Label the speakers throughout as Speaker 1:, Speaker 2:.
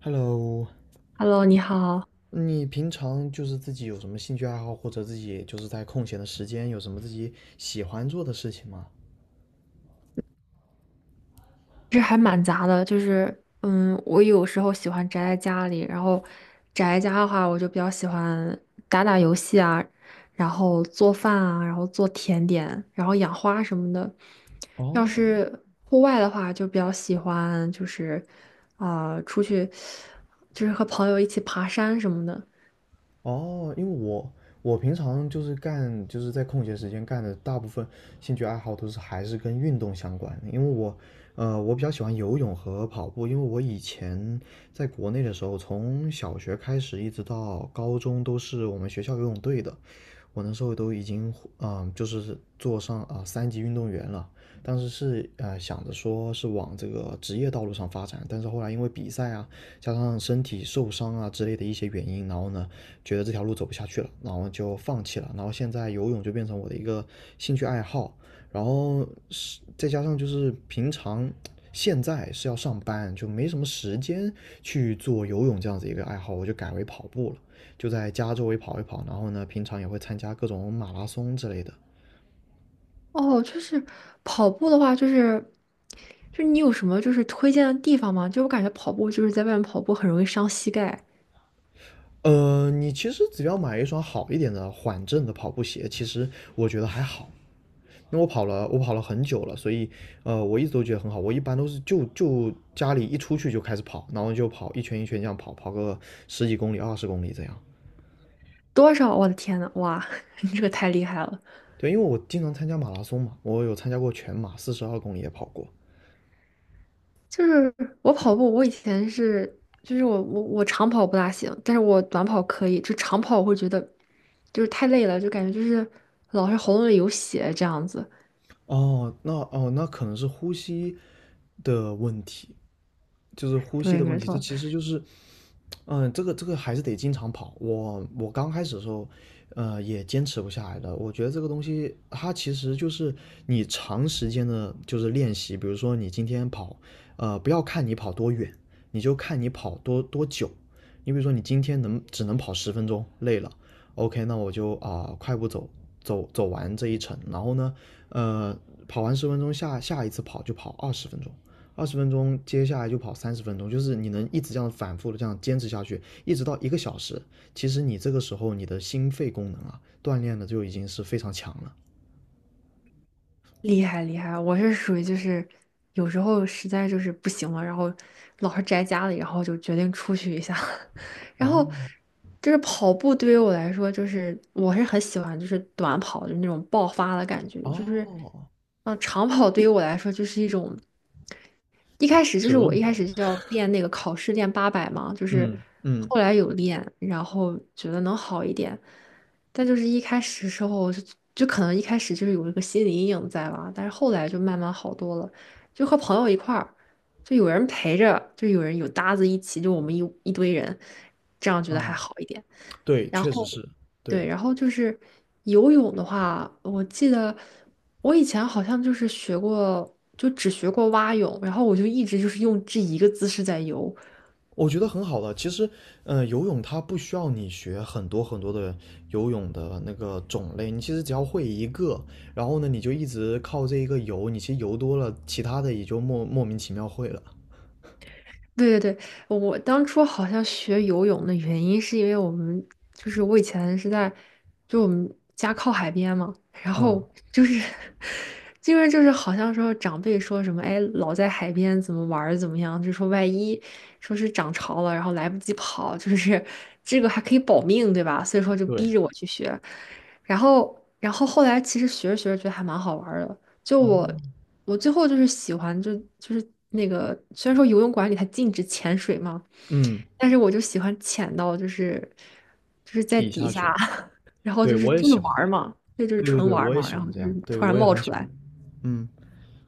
Speaker 1: Hello，
Speaker 2: Hello，你好。
Speaker 1: 你平常就是自己有什么兴趣爱好，或者自己就是在空闲的时间有什么自己喜欢做的事情吗？
Speaker 2: 这还蛮杂的，就是我有时候喜欢宅在家里，然后宅在家的话，我就比较喜欢打打游戏啊，然后做饭啊，然后做甜点，然后养花什么的。要
Speaker 1: 哦，
Speaker 2: 是户外的话，就比较喜欢就是啊、出去，就是和朋友一起爬山什么的。
Speaker 1: 哦，因为我平常就是干，就是在空闲时间干的大部分兴趣爱好都是还是跟运动相关的，因为我比较喜欢游泳和跑步，因为我以前在国内的时候，从小学开始一直到高中都是我们学校游泳队的，我那时候都已经，就是做上三级运动员了，当时是想着说是往这个职业道路上发展，但是后来因为比赛啊，加上身体受伤啊之类的一些原因，然后呢。觉得这条路走不下去了，然后就放弃了。然后现在游泳就变成我的一个兴趣爱好，然后是再加上就是平常现在是要上班，就没什么时间去做游泳这样子一个爱好，我就改为跑步了，就在家周围跑一跑。然后呢，平常也会参加各种马拉松之类的。
Speaker 2: 哦，就是跑步的话，就是你有什么就是推荐的地方吗？就我感觉跑步就是在外面跑步很容易伤膝盖。
Speaker 1: 你其实只要买一双好一点的缓震的跑步鞋，其实我觉得还好。因为我跑了很久了，所以我一直都觉得很好。我一般都是就家里一出去就开始跑，然后就跑一圈一圈这样跑，跑个十几公里、20公里这样。
Speaker 2: 多少？我的天呐，哇，你这个太厉害了！
Speaker 1: 对，因为我经常参加马拉松嘛，我有参加过全马，42公里也跑过。
Speaker 2: 就是我跑步，我以前是就是我长跑不大行，但是我短跑可以。就长跑我会觉得就是太累了，就感觉就是老是喉咙里有血这样子。
Speaker 1: 哦，那哦，那可能是呼吸的问题，就是呼吸
Speaker 2: 对，
Speaker 1: 的问
Speaker 2: 没
Speaker 1: 题。它
Speaker 2: 错。
Speaker 1: 其实就是这个还是得经常跑。我刚开始的时候，也坚持不下来的。我觉得这个东西，它其实就是你长时间的，就是练习。比如说你今天跑，不要看你跑多远，你就看你跑多久。你比如说你今天只能跑十分钟，累了，OK，那我就快步走走完这一程。然后呢，呃，跑完十分钟下一次跑就跑二十分钟。二十分钟，接下来就跑30分钟，就是你能一直这样反复的这样坚持下去，一直到一个小时。其实你这个时候你的心肺功能啊，锻炼的就已经是非常强了。
Speaker 2: 厉害厉害，我是属于就是有时候实在就是不行了，然后老是宅家里，然后就决定出去一下。然后
Speaker 1: 哦
Speaker 2: 就是跑步对于我来说，就是我是很喜欢就是短跑，就是那种爆发的感觉。就是
Speaker 1: 哦，
Speaker 2: 嗯，长跑对于我来说就是一种一开始，就是
Speaker 1: 折
Speaker 2: 我一开
Speaker 1: 磨，
Speaker 2: 始就要练那个考试练八百嘛，就是
Speaker 1: 嗯嗯，
Speaker 2: 后来有练，然后觉得能好一点。但就是一开始时候我就就可能一开始就是有一个心理阴影在吧，但是后来就慢慢好多了，就和朋友一块儿，就有人陪着，就有人有搭子一起，就我们一堆人，这样觉得还
Speaker 1: 啊，
Speaker 2: 好一点。
Speaker 1: 对，
Speaker 2: 然
Speaker 1: 确实
Speaker 2: 后，
Speaker 1: 是，
Speaker 2: 对，
Speaker 1: 对，
Speaker 2: 然后就是游泳的话，我记得我以前好像就是学过，就只学过蛙泳，然后我就一直就是用这一个姿势在游。
Speaker 1: 我觉得很好的。其实，游泳它不需要你学很多很多的游泳的那个种类，你其实只要会一个，然后呢，你就一直靠这一个游，你其实游多了，其他的也就莫名其妙会了。
Speaker 2: 对对对，我当初好像学游泳的原因是因为我们就是我以前是在就我们家靠海边嘛，然后就是 因为就是好像说长辈说什么哎老在海边怎么玩儿怎么样，就说万一说是涨潮了，然后来不及跑，就是 这个还可以保命对吧？所以说就
Speaker 1: 对，
Speaker 2: 逼着我去学，然后后来其实学着学着觉得还蛮好玩儿的。就
Speaker 1: 哦，
Speaker 2: 我，我最后就是喜欢就就是那个，虽然说游泳馆里它禁止潜水嘛，
Speaker 1: 嗯，
Speaker 2: 但是我就喜欢潜到就是就是在
Speaker 1: 底
Speaker 2: 底
Speaker 1: 下去，
Speaker 2: 下，然后
Speaker 1: 对
Speaker 2: 就是
Speaker 1: 我也
Speaker 2: 就是
Speaker 1: 喜
Speaker 2: 玩
Speaker 1: 欢，
Speaker 2: 儿嘛，对，就是
Speaker 1: 对对
Speaker 2: 纯
Speaker 1: 对，
Speaker 2: 玩儿
Speaker 1: 我也
Speaker 2: 嘛，
Speaker 1: 喜
Speaker 2: 然
Speaker 1: 欢
Speaker 2: 后
Speaker 1: 这
Speaker 2: 就是
Speaker 1: 样，对
Speaker 2: 突然
Speaker 1: 我也
Speaker 2: 冒
Speaker 1: 很喜
Speaker 2: 出
Speaker 1: 欢，
Speaker 2: 来。
Speaker 1: 嗯，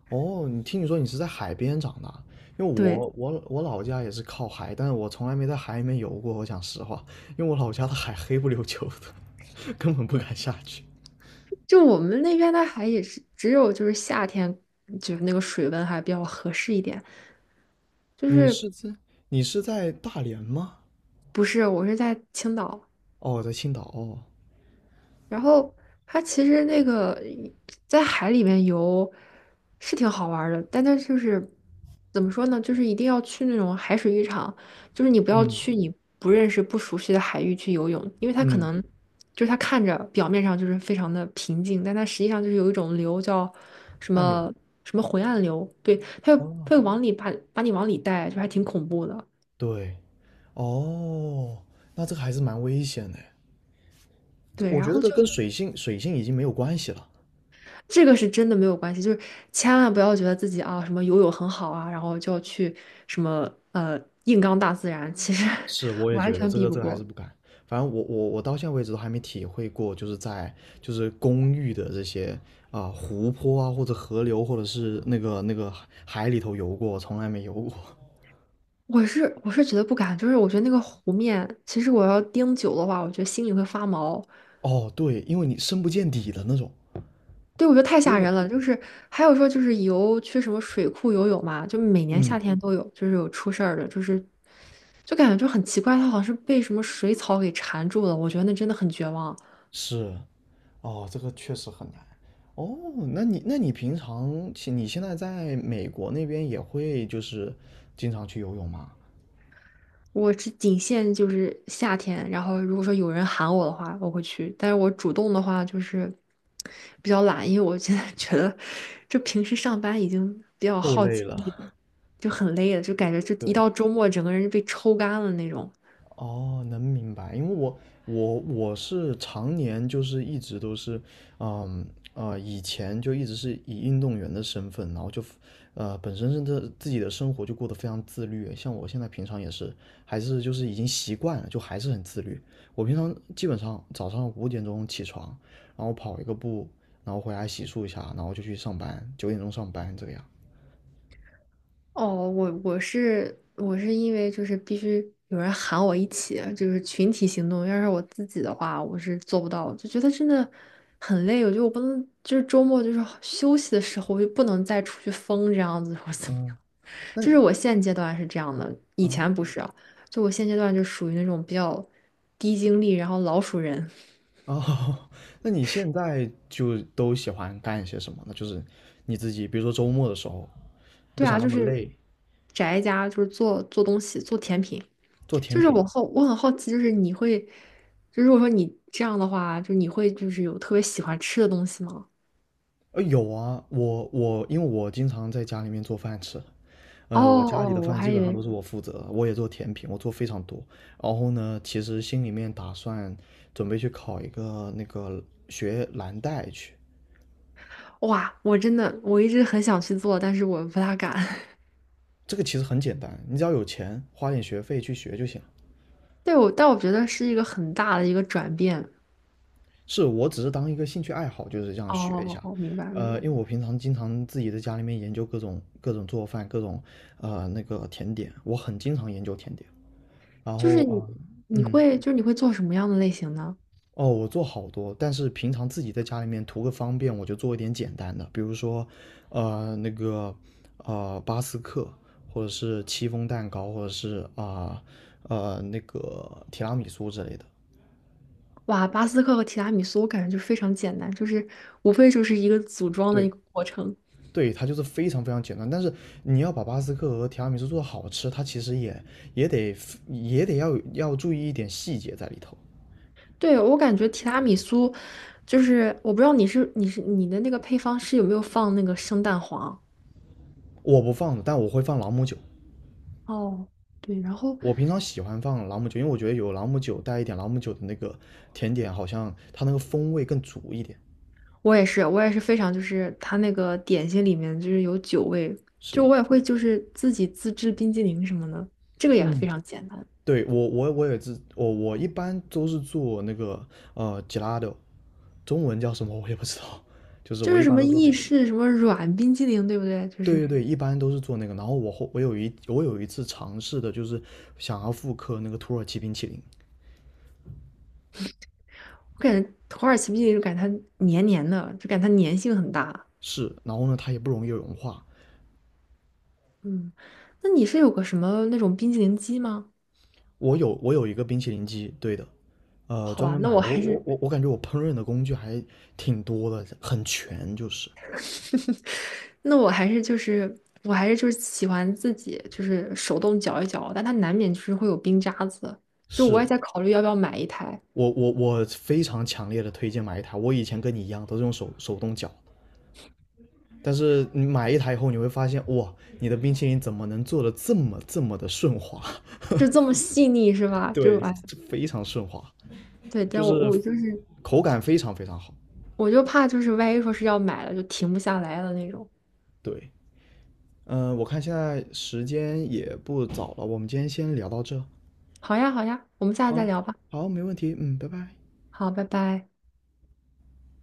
Speaker 1: 哦，你说你是在海边长大，因为
Speaker 2: 对，
Speaker 1: 我老家也是靠海，但是我从来没在海里面游过，我讲实话，因为我老家的海黑不溜秋的，根本不敢下去。
Speaker 2: 就我们那边的海也是只有就是夏天，就是那个水温还比较合适一点。就
Speaker 1: 你
Speaker 2: 是
Speaker 1: 是在你是在大连吗？
Speaker 2: 不是，我是在青岛。
Speaker 1: 哦，在青岛哦，
Speaker 2: 然后它其实那个在海里面游是挺好玩儿的，但它就是怎么说呢？就是一定要去那种海水浴场，就是你不要
Speaker 1: 嗯
Speaker 2: 去你不认识、不熟悉的海域去游泳，因为它可
Speaker 1: 嗯，
Speaker 2: 能就是它看着表面上就是非常的平静，但它实际上就是有一种流叫什
Speaker 1: 暗涌
Speaker 2: 么什么回岸流，对，它会
Speaker 1: 哦，
Speaker 2: 它会往里把你往里带，就还挺恐怖的。
Speaker 1: 对，哦，那这个还是蛮危险的。
Speaker 2: 对，
Speaker 1: 我觉
Speaker 2: 然
Speaker 1: 得这
Speaker 2: 后
Speaker 1: 个
Speaker 2: 就
Speaker 1: 跟水性已经没有关系了。
Speaker 2: 这个是真的没有关系，就是千万不要觉得自己啊什么游泳很好啊，然后就要去什么硬刚大自然，其实
Speaker 1: 是，我也
Speaker 2: 完
Speaker 1: 觉得
Speaker 2: 全
Speaker 1: 这
Speaker 2: 避
Speaker 1: 个
Speaker 2: 不
Speaker 1: 这个还是
Speaker 2: 过。
Speaker 1: 不敢。反正我到现在为止都还没体会过，就是公寓的这些湖泊啊或者河流或者是那个海里头游过，我从来没游过。
Speaker 2: 我是我是觉得不敢，就是我觉得那个湖面，其实我要盯久的话，我觉得心里会发毛。
Speaker 1: 哦，对，因为你深不见底的那种，
Speaker 2: 对，我觉得太
Speaker 1: 有一
Speaker 2: 吓
Speaker 1: 种
Speaker 2: 人了。就是还有说就是游去什么水库游泳嘛，就每年
Speaker 1: 嗯
Speaker 2: 夏天都有，就是有出事儿的，就是就感觉就很奇怪，它好像是被什么水草给缠住了。我觉得那真的很绝望。
Speaker 1: 是哦，这个确实很难。哦，那你那你平常其你现在在美国那边也会就是经常去游泳吗？
Speaker 2: 我是仅限就是夏天，然后如果说有人喊我的话，我会去。但是我主动的话就是比较懒，因为我现在 觉得就平时上班已经比较
Speaker 1: 够
Speaker 2: 耗
Speaker 1: 累
Speaker 2: 精
Speaker 1: 了，
Speaker 2: 力了，就很累了，就感觉就 一
Speaker 1: 对。
Speaker 2: 到周末整个人就被抽干了那种。
Speaker 1: 哦，能明白，因为我是常年就是一直都是，嗯以前就一直是以运动员的身份，然后就本身是这自己的生活就过得非常自律，像我现在平常也是，还是就是已经习惯了，就还是很自律。我平常基本上早上5点钟起床，然后跑一个步，然后回来洗漱一下，然后就去上班，9点钟上班这个样。
Speaker 2: 哦，我我是因为就是必须有人喊我一起，就是群体行动。要是我自己的话，我是做不到，就觉得真的很累。我觉得我不能，就是周末就是休息的时候，我就不能再出去疯这样子。我怎么
Speaker 1: 嗯，那
Speaker 2: 就是我现阶段是这样的，以
Speaker 1: 啊。
Speaker 2: 前不是啊，就我现阶段就属于那种比较低精力，然后老鼠人。
Speaker 1: 哦，那你现在就都喜欢干些什么呢？就是你自己，比如说周末的时候，不
Speaker 2: 对
Speaker 1: 想
Speaker 2: 啊，
Speaker 1: 那
Speaker 2: 就
Speaker 1: 么
Speaker 2: 是
Speaker 1: 累，
Speaker 2: 宅家，就是做做东西，做甜品。
Speaker 1: 做
Speaker 2: 就
Speaker 1: 甜
Speaker 2: 是
Speaker 1: 品。
Speaker 2: 我好，我很好奇，就是你会，就如果说你这样的话，就你会就是有特别喜欢吃的东西吗？
Speaker 1: 有啊，我因为我经常在家里面做饭吃，
Speaker 2: 哦
Speaker 1: 我家
Speaker 2: 哦，
Speaker 1: 里的
Speaker 2: 我
Speaker 1: 饭基
Speaker 2: 还
Speaker 1: 本
Speaker 2: 以
Speaker 1: 上都
Speaker 2: 为
Speaker 1: 是我负责的。我也做甜品，我做非常多。然后呢，其实心里面打算准备去考一个那个学蓝带去，
Speaker 2: 哇，我真的我一直很想去做，但是我不大敢。
Speaker 1: 这个其实很简单，你只要有钱，花点学费去学就行。
Speaker 2: 对，我但我觉得是一个很大的一个转变。
Speaker 1: 是，我只是当一个兴趣爱好，就是这样学一
Speaker 2: 哦，
Speaker 1: 下。
Speaker 2: 明白明白。
Speaker 1: 因为我平常经常自己在家里面研究各种做饭，各种那个甜点，我很经常研究甜点。然
Speaker 2: 就
Speaker 1: 后
Speaker 2: 是你你
Speaker 1: 嗯，
Speaker 2: 会就是你会做什么样的类型呢？
Speaker 1: 哦，我做好多，但是平常自己在家里面图个方便，我就做一点简单的，比如说那个巴斯克，或者是戚风蛋糕，或者是那个提拉米苏之类的。
Speaker 2: 哇，巴斯克和提拉米苏我感觉就非常简单，就是无非就是一个组装的一
Speaker 1: 对，
Speaker 2: 个过程。
Speaker 1: 对，它就是非常非常简单，但是你要把巴斯克和提拉米苏做的好吃，它其实也得也得要注意一点细节在里头。
Speaker 2: 对，我感觉提拉米苏，就是我不知道你是你的那个配方是有没有放那个生蛋黄？
Speaker 1: 我不放的，但我会放朗姆酒。
Speaker 2: 哦，对。然后
Speaker 1: 我平常喜欢放朗姆酒，因为我觉得有朗姆酒带一点朗姆酒的那个甜点，好像它那个风味更足一点。
Speaker 2: 我也是，我也是非常就是它那个点心里面就是有酒味，就我也会就是自己自制冰激凌什么的，这个也
Speaker 1: 嗯，
Speaker 2: 非常简单，
Speaker 1: 对我也是，我一般都是做那个gelato，中文叫什么我也不知道，就是
Speaker 2: 就
Speaker 1: 我
Speaker 2: 是
Speaker 1: 一
Speaker 2: 什
Speaker 1: 般
Speaker 2: 么
Speaker 1: 都做
Speaker 2: 意
Speaker 1: 这个。
Speaker 2: 式什么软冰激凌，对不对？就
Speaker 1: 对
Speaker 2: 是
Speaker 1: 对对，一般都是做那个。然后我有一次尝试的，就是想要复刻那个土耳其冰淇淋，
Speaker 2: 我感觉土耳其冰激凌就感觉它黏黏的，就感觉它粘性很大。
Speaker 1: 是，然后呢，它也不容易融化。
Speaker 2: 嗯，那你是有个什么那种冰激凌机吗？
Speaker 1: 我有一个冰淇淋机，对的，
Speaker 2: 好
Speaker 1: 专
Speaker 2: 吧，
Speaker 1: 门
Speaker 2: 那
Speaker 1: 买
Speaker 2: 我
Speaker 1: 的。我
Speaker 2: 还
Speaker 1: 我
Speaker 2: 是。
Speaker 1: 我我感觉我烹饪的工具还挺多的，很全，就是
Speaker 2: 那我还是就是我还是就是喜欢自己就是手动搅一搅，但它难免就是会有冰渣子。就我也
Speaker 1: 是。
Speaker 2: 在考虑要不要买一台，
Speaker 1: 我非常强烈的推荐买一台。我以前跟你一样都是用手动搅，但是你买一台以后，你会发现哇，你的冰淇淋怎么能做的这么的顺滑？
Speaker 2: 就这么细腻是 吧？就是
Speaker 1: 对，
Speaker 2: 哎，
Speaker 1: 非常顺滑。
Speaker 2: 对。
Speaker 1: 就
Speaker 2: 但我
Speaker 1: 是
Speaker 2: 我就是
Speaker 1: 口感非常非常好。
Speaker 2: 我就怕就是万一说是要买了就停不下来了那种。
Speaker 1: 对，我看现在时间也不早了，我们今天先聊到这。
Speaker 2: 好呀好呀，我们下次再
Speaker 1: 好，
Speaker 2: 聊吧。
Speaker 1: 好，没问题。嗯，拜拜。
Speaker 2: 好，拜拜。